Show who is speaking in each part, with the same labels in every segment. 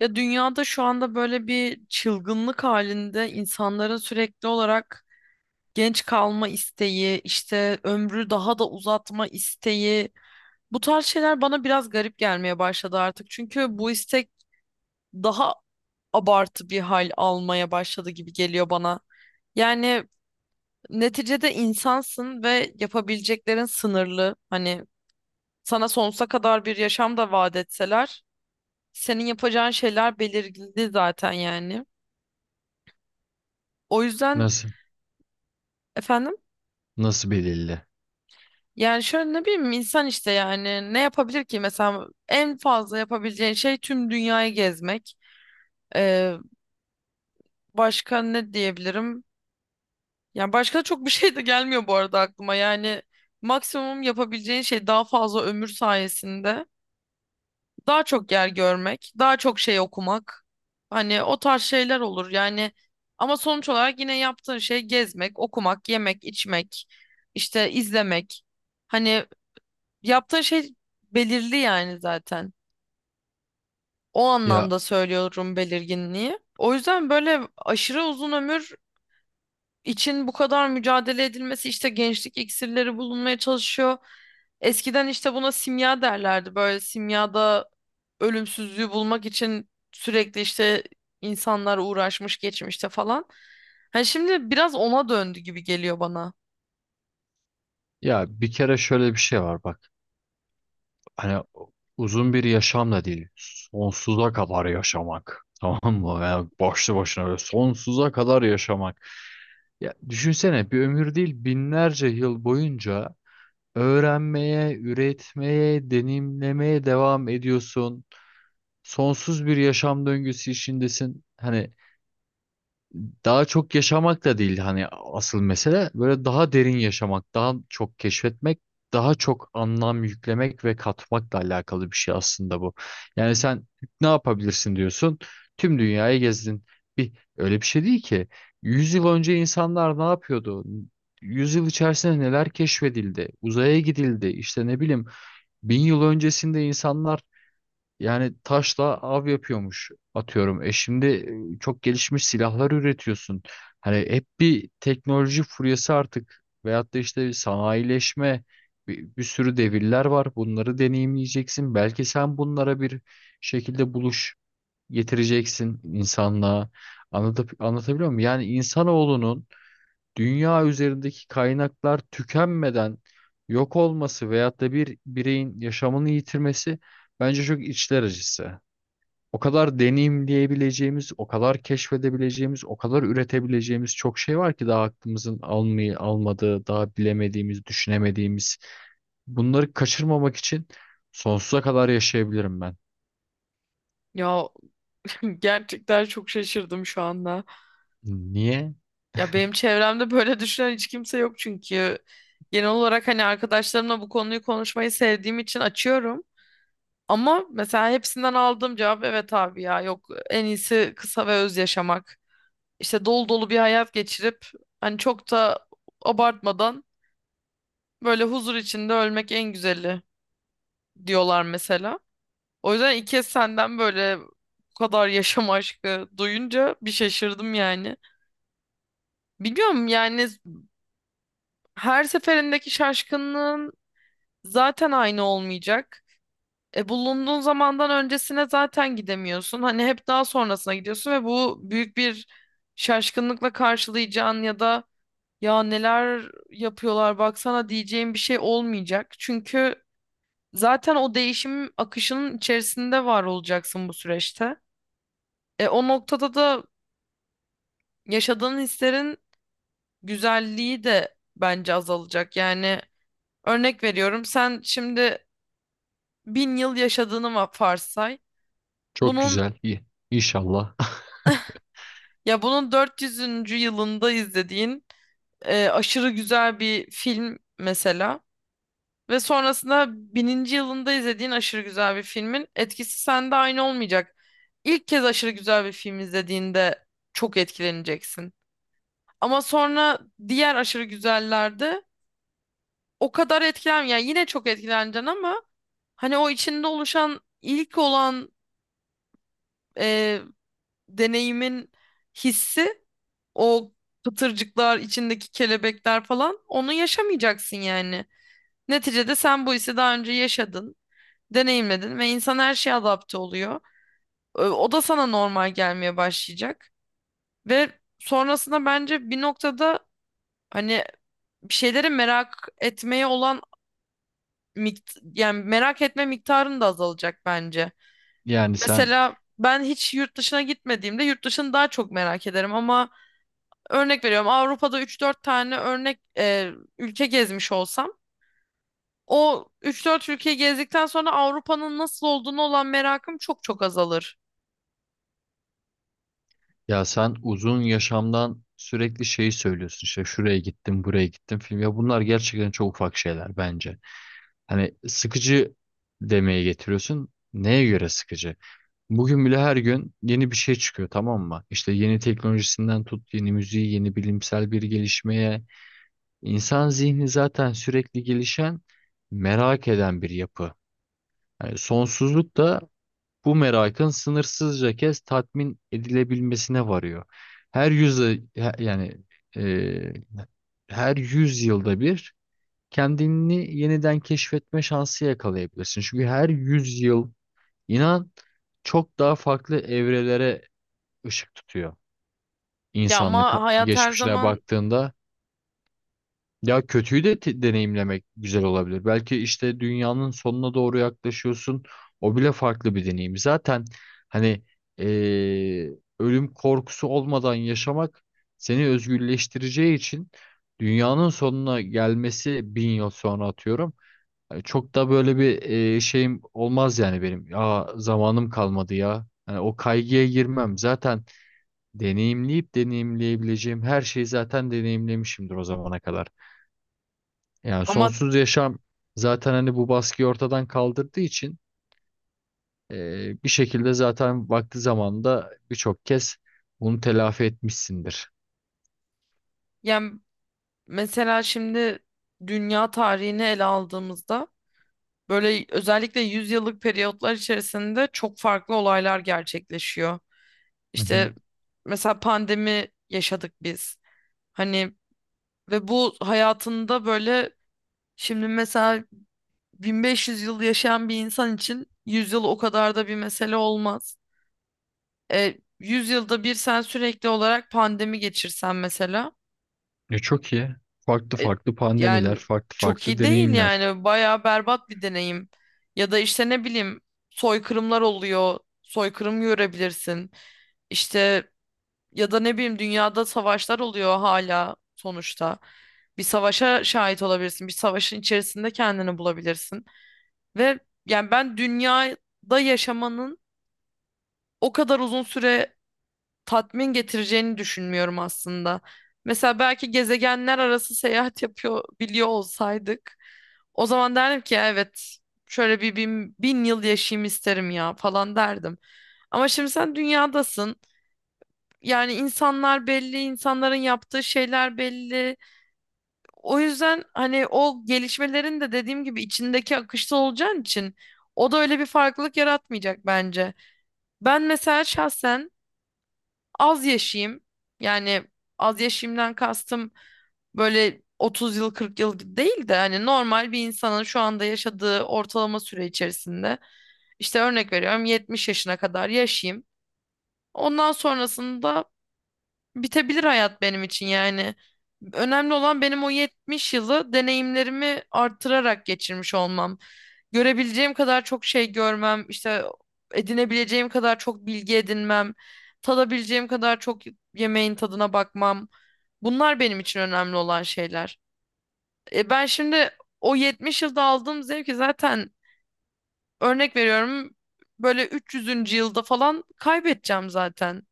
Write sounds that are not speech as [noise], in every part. Speaker 1: Ya dünyada şu anda böyle bir çılgınlık halinde insanların sürekli olarak genç kalma isteği, işte ömrü daha da uzatma isteği, bu tarz şeyler bana biraz garip gelmeye başladı artık. Çünkü bu istek daha abartı bir hal almaya başladı gibi geliyor bana. Yani neticede insansın ve yapabileceklerin sınırlı. Hani sana sonsuza kadar bir yaşam da vaat etseler, senin yapacağın şeyler belirgindi zaten yani. O yüzden
Speaker 2: Nasıl?
Speaker 1: efendim?
Speaker 2: Nasıl belirli?
Speaker 1: Yani şöyle ne bileyim insan işte yani ne yapabilir ki mesela en fazla yapabileceğin şey tüm dünyayı gezmek. Ee, Başka ne diyebilirim? Yani başka da çok bir şey de gelmiyor bu arada aklıma. Yani maksimum yapabileceğin şey daha fazla ömür sayesinde daha çok yer görmek, daha çok şey okumak. Hani o tarz şeyler olur yani, ama sonuç olarak yine yaptığın şey gezmek, okumak, yemek, içmek, işte izlemek. Hani yaptığın şey belirli yani zaten. O
Speaker 2: Ya
Speaker 1: anlamda söylüyorum belirginliği. O yüzden böyle aşırı uzun ömür için bu kadar mücadele edilmesi, işte gençlik iksirleri bulunmaya çalışıyor. Eskiden işte buna simya derlerdi. Böyle simyada ölümsüzlüğü bulmak için sürekli işte insanlar uğraşmış geçmişte falan. Hani şimdi biraz ona döndü gibi geliyor bana.
Speaker 2: ya bir kere şöyle bir şey var bak. Hani uzun bir yaşam da değil. Sonsuza kadar yaşamak. [laughs] Tamam mı? Yani başlı başına böyle sonsuza kadar yaşamak. Ya düşünsene bir ömür değil binlerce yıl boyunca öğrenmeye, üretmeye, deneyimlemeye devam ediyorsun. Sonsuz bir yaşam döngüsü içindesin. Hani daha çok yaşamak da değil, hani asıl mesele böyle daha derin yaşamak, daha çok keşfetmek, daha çok anlam yüklemek ve katmakla alakalı bir şey aslında bu. Yani sen ne yapabilirsin diyorsun? Tüm dünyayı gezdin. Bir öyle bir şey değil ki. 100 yıl önce insanlar ne yapıyordu? 100 yıl içerisinde neler keşfedildi? Uzaya gidildi. İşte ne bileyim, 1000 yıl öncesinde insanlar yani taşla av yapıyormuş atıyorum. E şimdi çok gelişmiş silahlar üretiyorsun. Hani hep bir teknoloji furyası artık veyahut da işte bir sanayileşme, bir sürü devirler var. Bunları deneyimleyeceksin. Belki sen bunlara bir şekilde buluş getireceksin insanlığa. Anlatabiliyor muyum? Yani insanoğlunun dünya üzerindeki kaynaklar tükenmeden yok olması veyahut da bir bireyin yaşamını yitirmesi, bence çok içler acısı. O kadar deneyimleyebileceğimiz, o kadar keşfedebileceğimiz, o kadar üretebileceğimiz çok şey var ki daha aklımızın almayı almadığı, daha bilemediğimiz, düşünemediğimiz. Bunları kaçırmamak için sonsuza kadar yaşayabilirim ben.
Speaker 1: Ya, [laughs] gerçekten çok şaşırdım şu anda.
Speaker 2: Niye?
Speaker 1: Ya benim çevremde böyle düşünen hiç kimse yok, çünkü genel olarak hani arkadaşlarımla bu konuyu konuşmayı sevdiğim için açıyorum. Ama mesela hepsinden aldığım cevap, evet abi ya yok en iyisi kısa ve öz yaşamak. İşte dolu dolu bir hayat geçirip hani çok da abartmadan böyle huzur içinde ölmek en güzeli diyorlar mesela. O yüzden ilk kez senden böyle bu kadar yaşam aşkı duyunca bir şaşırdım yani. Biliyorum yani, her seferindeki şaşkınlığın zaten aynı olmayacak. E, bulunduğun zamandan öncesine zaten gidemiyorsun. Hani hep daha sonrasına gidiyorsun ve bu büyük bir şaşkınlıkla karşılayacağın ya da ya neler yapıyorlar baksana diyeceğin bir şey olmayacak. Çünkü zaten o değişim akışının içerisinde var olacaksın bu süreçte. E, o noktada da yaşadığın hislerin güzelliği de bence azalacak. Yani örnek veriyorum, sen şimdi 1000 yıl yaşadığını varsay.
Speaker 2: Çok
Speaker 1: Bunun,
Speaker 2: güzel. İyi. İnşallah. [laughs]
Speaker 1: ya bunun 400'üncü yılında izlediğin aşırı güzel bir film mesela, ve sonrasında 1000'inci yılında izlediğin aşırı güzel bir filmin etkisi sende aynı olmayacak. İlk kez aşırı güzel bir film izlediğinde çok etkileneceksin. Ama sonra diğer aşırı güzellerde o kadar etkilen yani yine çok etkileneceksin, ama hani o içinde oluşan ilk olan e, deneyimin hissi, o pıtırcıklar, içindeki kelebekler falan onu yaşamayacaksın yani. Neticede sen bu hissi daha önce yaşadın, deneyimledin ve insan her şeye adapte oluyor. O da sana normal gelmeye başlayacak ve sonrasında bence bir noktada hani bir şeyleri merak etmeye olan yani merak etme miktarın da azalacak bence.
Speaker 2: Yani sen
Speaker 1: Mesela ben hiç yurt dışına gitmediğimde yurt dışını daha çok merak ederim, ama örnek veriyorum Avrupa'da 3 4 tane örnek ülke gezmiş olsam, o 3 4 ülkeyi gezdikten sonra Avrupa'nın nasıl olduğunu olan merakım çok çok azalır.
Speaker 2: ya sen uzun yaşamdan sürekli şeyi söylüyorsun, işte şuraya gittim, buraya gittim, film, ya bunlar gerçekten çok ufak şeyler bence. Hani sıkıcı demeye getiriyorsun. Neye göre sıkıcı? Bugün bile her gün yeni bir şey çıkıyor, tamam mı? İşte yeni teknolojisinden tut, yeni müziği, yeni bilimsel bir gelişmeye. İnsan zihni zaten sürekli gelişen, merak eden bir yapı. Yani sonsuzluk da bu merakın sınırsızca kez tatmin edilebilmesine varıyor. Her yüzyıl, yani e, her yüz yılda bir kendini yeniden keşfetme şansı yakalayabilirsin. Çünkü her yüz yıl, inan, çok daha farklı evrelere ışık tutuyor.
Speaker 1: Ya
Speaker 2: İnsanlık
Speaker 1: ama hayat her
Speaker 2: geçmişine
Speaker 1: zaman,
Speaker 2: baktığında, ya kötüyü de deneyimlemek güzel olabilir. Belki işte dünyanın sonuna doğru yaklaşıyorsun. O bile farklı bir deneyim. Zaten hani eee, ölüm korkusu olmadan yaşamak seni özgürleştireceği için, dünyanın sonuna gelmesi 1000 yıl sonra, atıyorum. Hani çok da böyle bir şeyim olmaz yani benim. Ya zamanım kalmadı ya. Hani o kaygıya girmem. Zaten deneyimleyip deneyimleyebileceğim her şeyi zaten deneyimlemişimdir o zamana kadar. Yani
Speaker 1: ama
Speaker 2: sonsuz yaşam zaten hani bu baskıyı ortadan kaldırdığı için bir şekilde zaten vakti zamanında birçok kez bunu telafi etmişsindir.
Speaker 1: yani mesela şimdi dünya tarihini ele aldığımızda böyle özellikle 100 yıllık periyotlar içerisinde çok farklı olaylar gerçekleşiyor.
Speaker 2: Hı hı.
Speaker 1: İşte mesela pandemi yaşadık biz. Hani ve bu hayatında böyle, şimdi mesela 1500 yıl yaşayan bir insan için 100 yıl o kadar da bir mesele olmaz. E, 100 yılda bir sen sürekli olarak pandemi geçirsen mesela,
Speaker 2: E, çok iyi. Farklı
Speaker 1: e,
Speaker 2: farklı pandemiler,
Speaker 1: yani
Speaker 2: farklı
Speaker 1: çok
Speaker 2: farklı
Speaker 1: iyi değil
Speaker 2: deneyimler.
Speaker 1: yani bayağı berbat bir deneyim. Ya da işte ne bileyim, soykırımlar oluyor, soykırım görebilirsin. İşte ya da ne bileyim dünyada savaşlar oluyor hala sonuçta. Bir savaşa şahit olabilirsin, bir savaşın içerisinde kendini bulabilirsin. Ve yani ben dünyada yaşamanın o kadar uzun süre tatmin getireceğini düşünmüyorum aslında. Mesela belki gezegenler arası seyahat yapıyor biliyor olsaydık, o zaman derdim ki evet, şöyle bir bin yıl yaşayayım isterim ya falan derdim. Ama şimdi sen dünyadasın. Yani insanlar belli, insanların yaptığı şeyler belli. O yüzden hani o gelişmelerin de dediğim gibi içindeki akışta olacağın için o da öyle bir farklılık yaratmayacak bence. Ben mesela şahsen az yaşayayım. Yani az yaşayayımdan kastım böyle 30 yıl 40 yıl değil de hani normal bir insanın şu anda yaşadığı ortalama süre içerisinde, işte örnek veriyorum 70 yaşına kadar yaşayayım. Ondan sonrasında bitebilir hayat benim için yani. Önemli olan benim o 70 yılı deneyimlerimi artırarak geçirmiş olmam. Görebileceğim kadar çok şey görmem, işte edinebileceğim kadar çok bilgi edinmem, tadabileceğim kadar çok yemeğin tadına bakmam. Bunlar benim için önemli olan şeyler. E ben şimdi o 70 yılda aldığım zevki zaten, örnek veriyorum, böyle 300'üncü yılda falan kaybedeceğim zaten,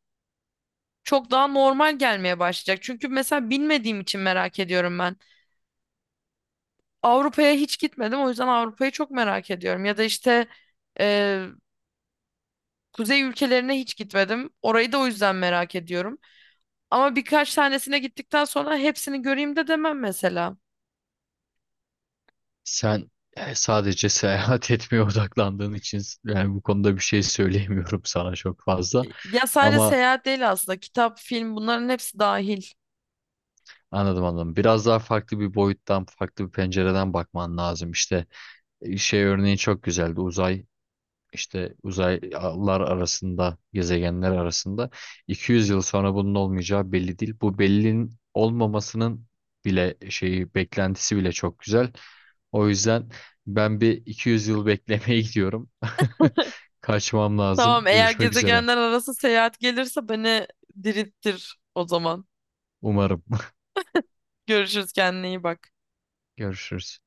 Speaker 1: çok daha normal gelmeye başlayacak. Çünkü mesela bilmediğim için merak ediyorum ben. Avrupa'ya hiç gitmedim, o yüzden Avrupa'yı çok merak ediyorum. Ya da işte e, kuzey ülkelerine hiç gitmedim. Orayı da o yüzden merak ediyorum. Ama birkaç tanesine gittikten sonra hepsini göreyim de demem mesela.
Speaker 2: Sen sadece seyahat [laughs] etmeye odaklandığın için yani, bu konuda bir şey söyleyemiyorum sana çok fazla.
Speaker 1: Ya sadece
Speaker 2: Ama
Speaker 1: seyahat değil aslında. Kitap, film, bunların hepsi dahil.
Speaker 2: Anladım, anladım. Biraz daha farklı bir boyuttan, farklı bir pencereden bakman lazım. İşte şey örneği çok güzeldi. Uzay, işte uzaylar arasında, gezegenler arasında 200 yıl sonra bunun olmayacağı belli değil. Bu bellinin olmamasının bile şeyi, beklentisi bile çok güzel. O yüzden ben bir 200 yıl beklemeye gidiyorum. [laughs] Kaçmam
Speaker 1: Tamam,
Speaker 2: lazım.
Speaker 1: eğer
Speaker 2: Görüşmek üzere.
Speaker 1: gezegenler arası seyahat gelirse beni dirilttir o zaman.
Speaker 2: Umarım.
Speaker 1: Görüşürüz, kendine iyi bak.
Speaker 2: [laughs] Görüşürüz.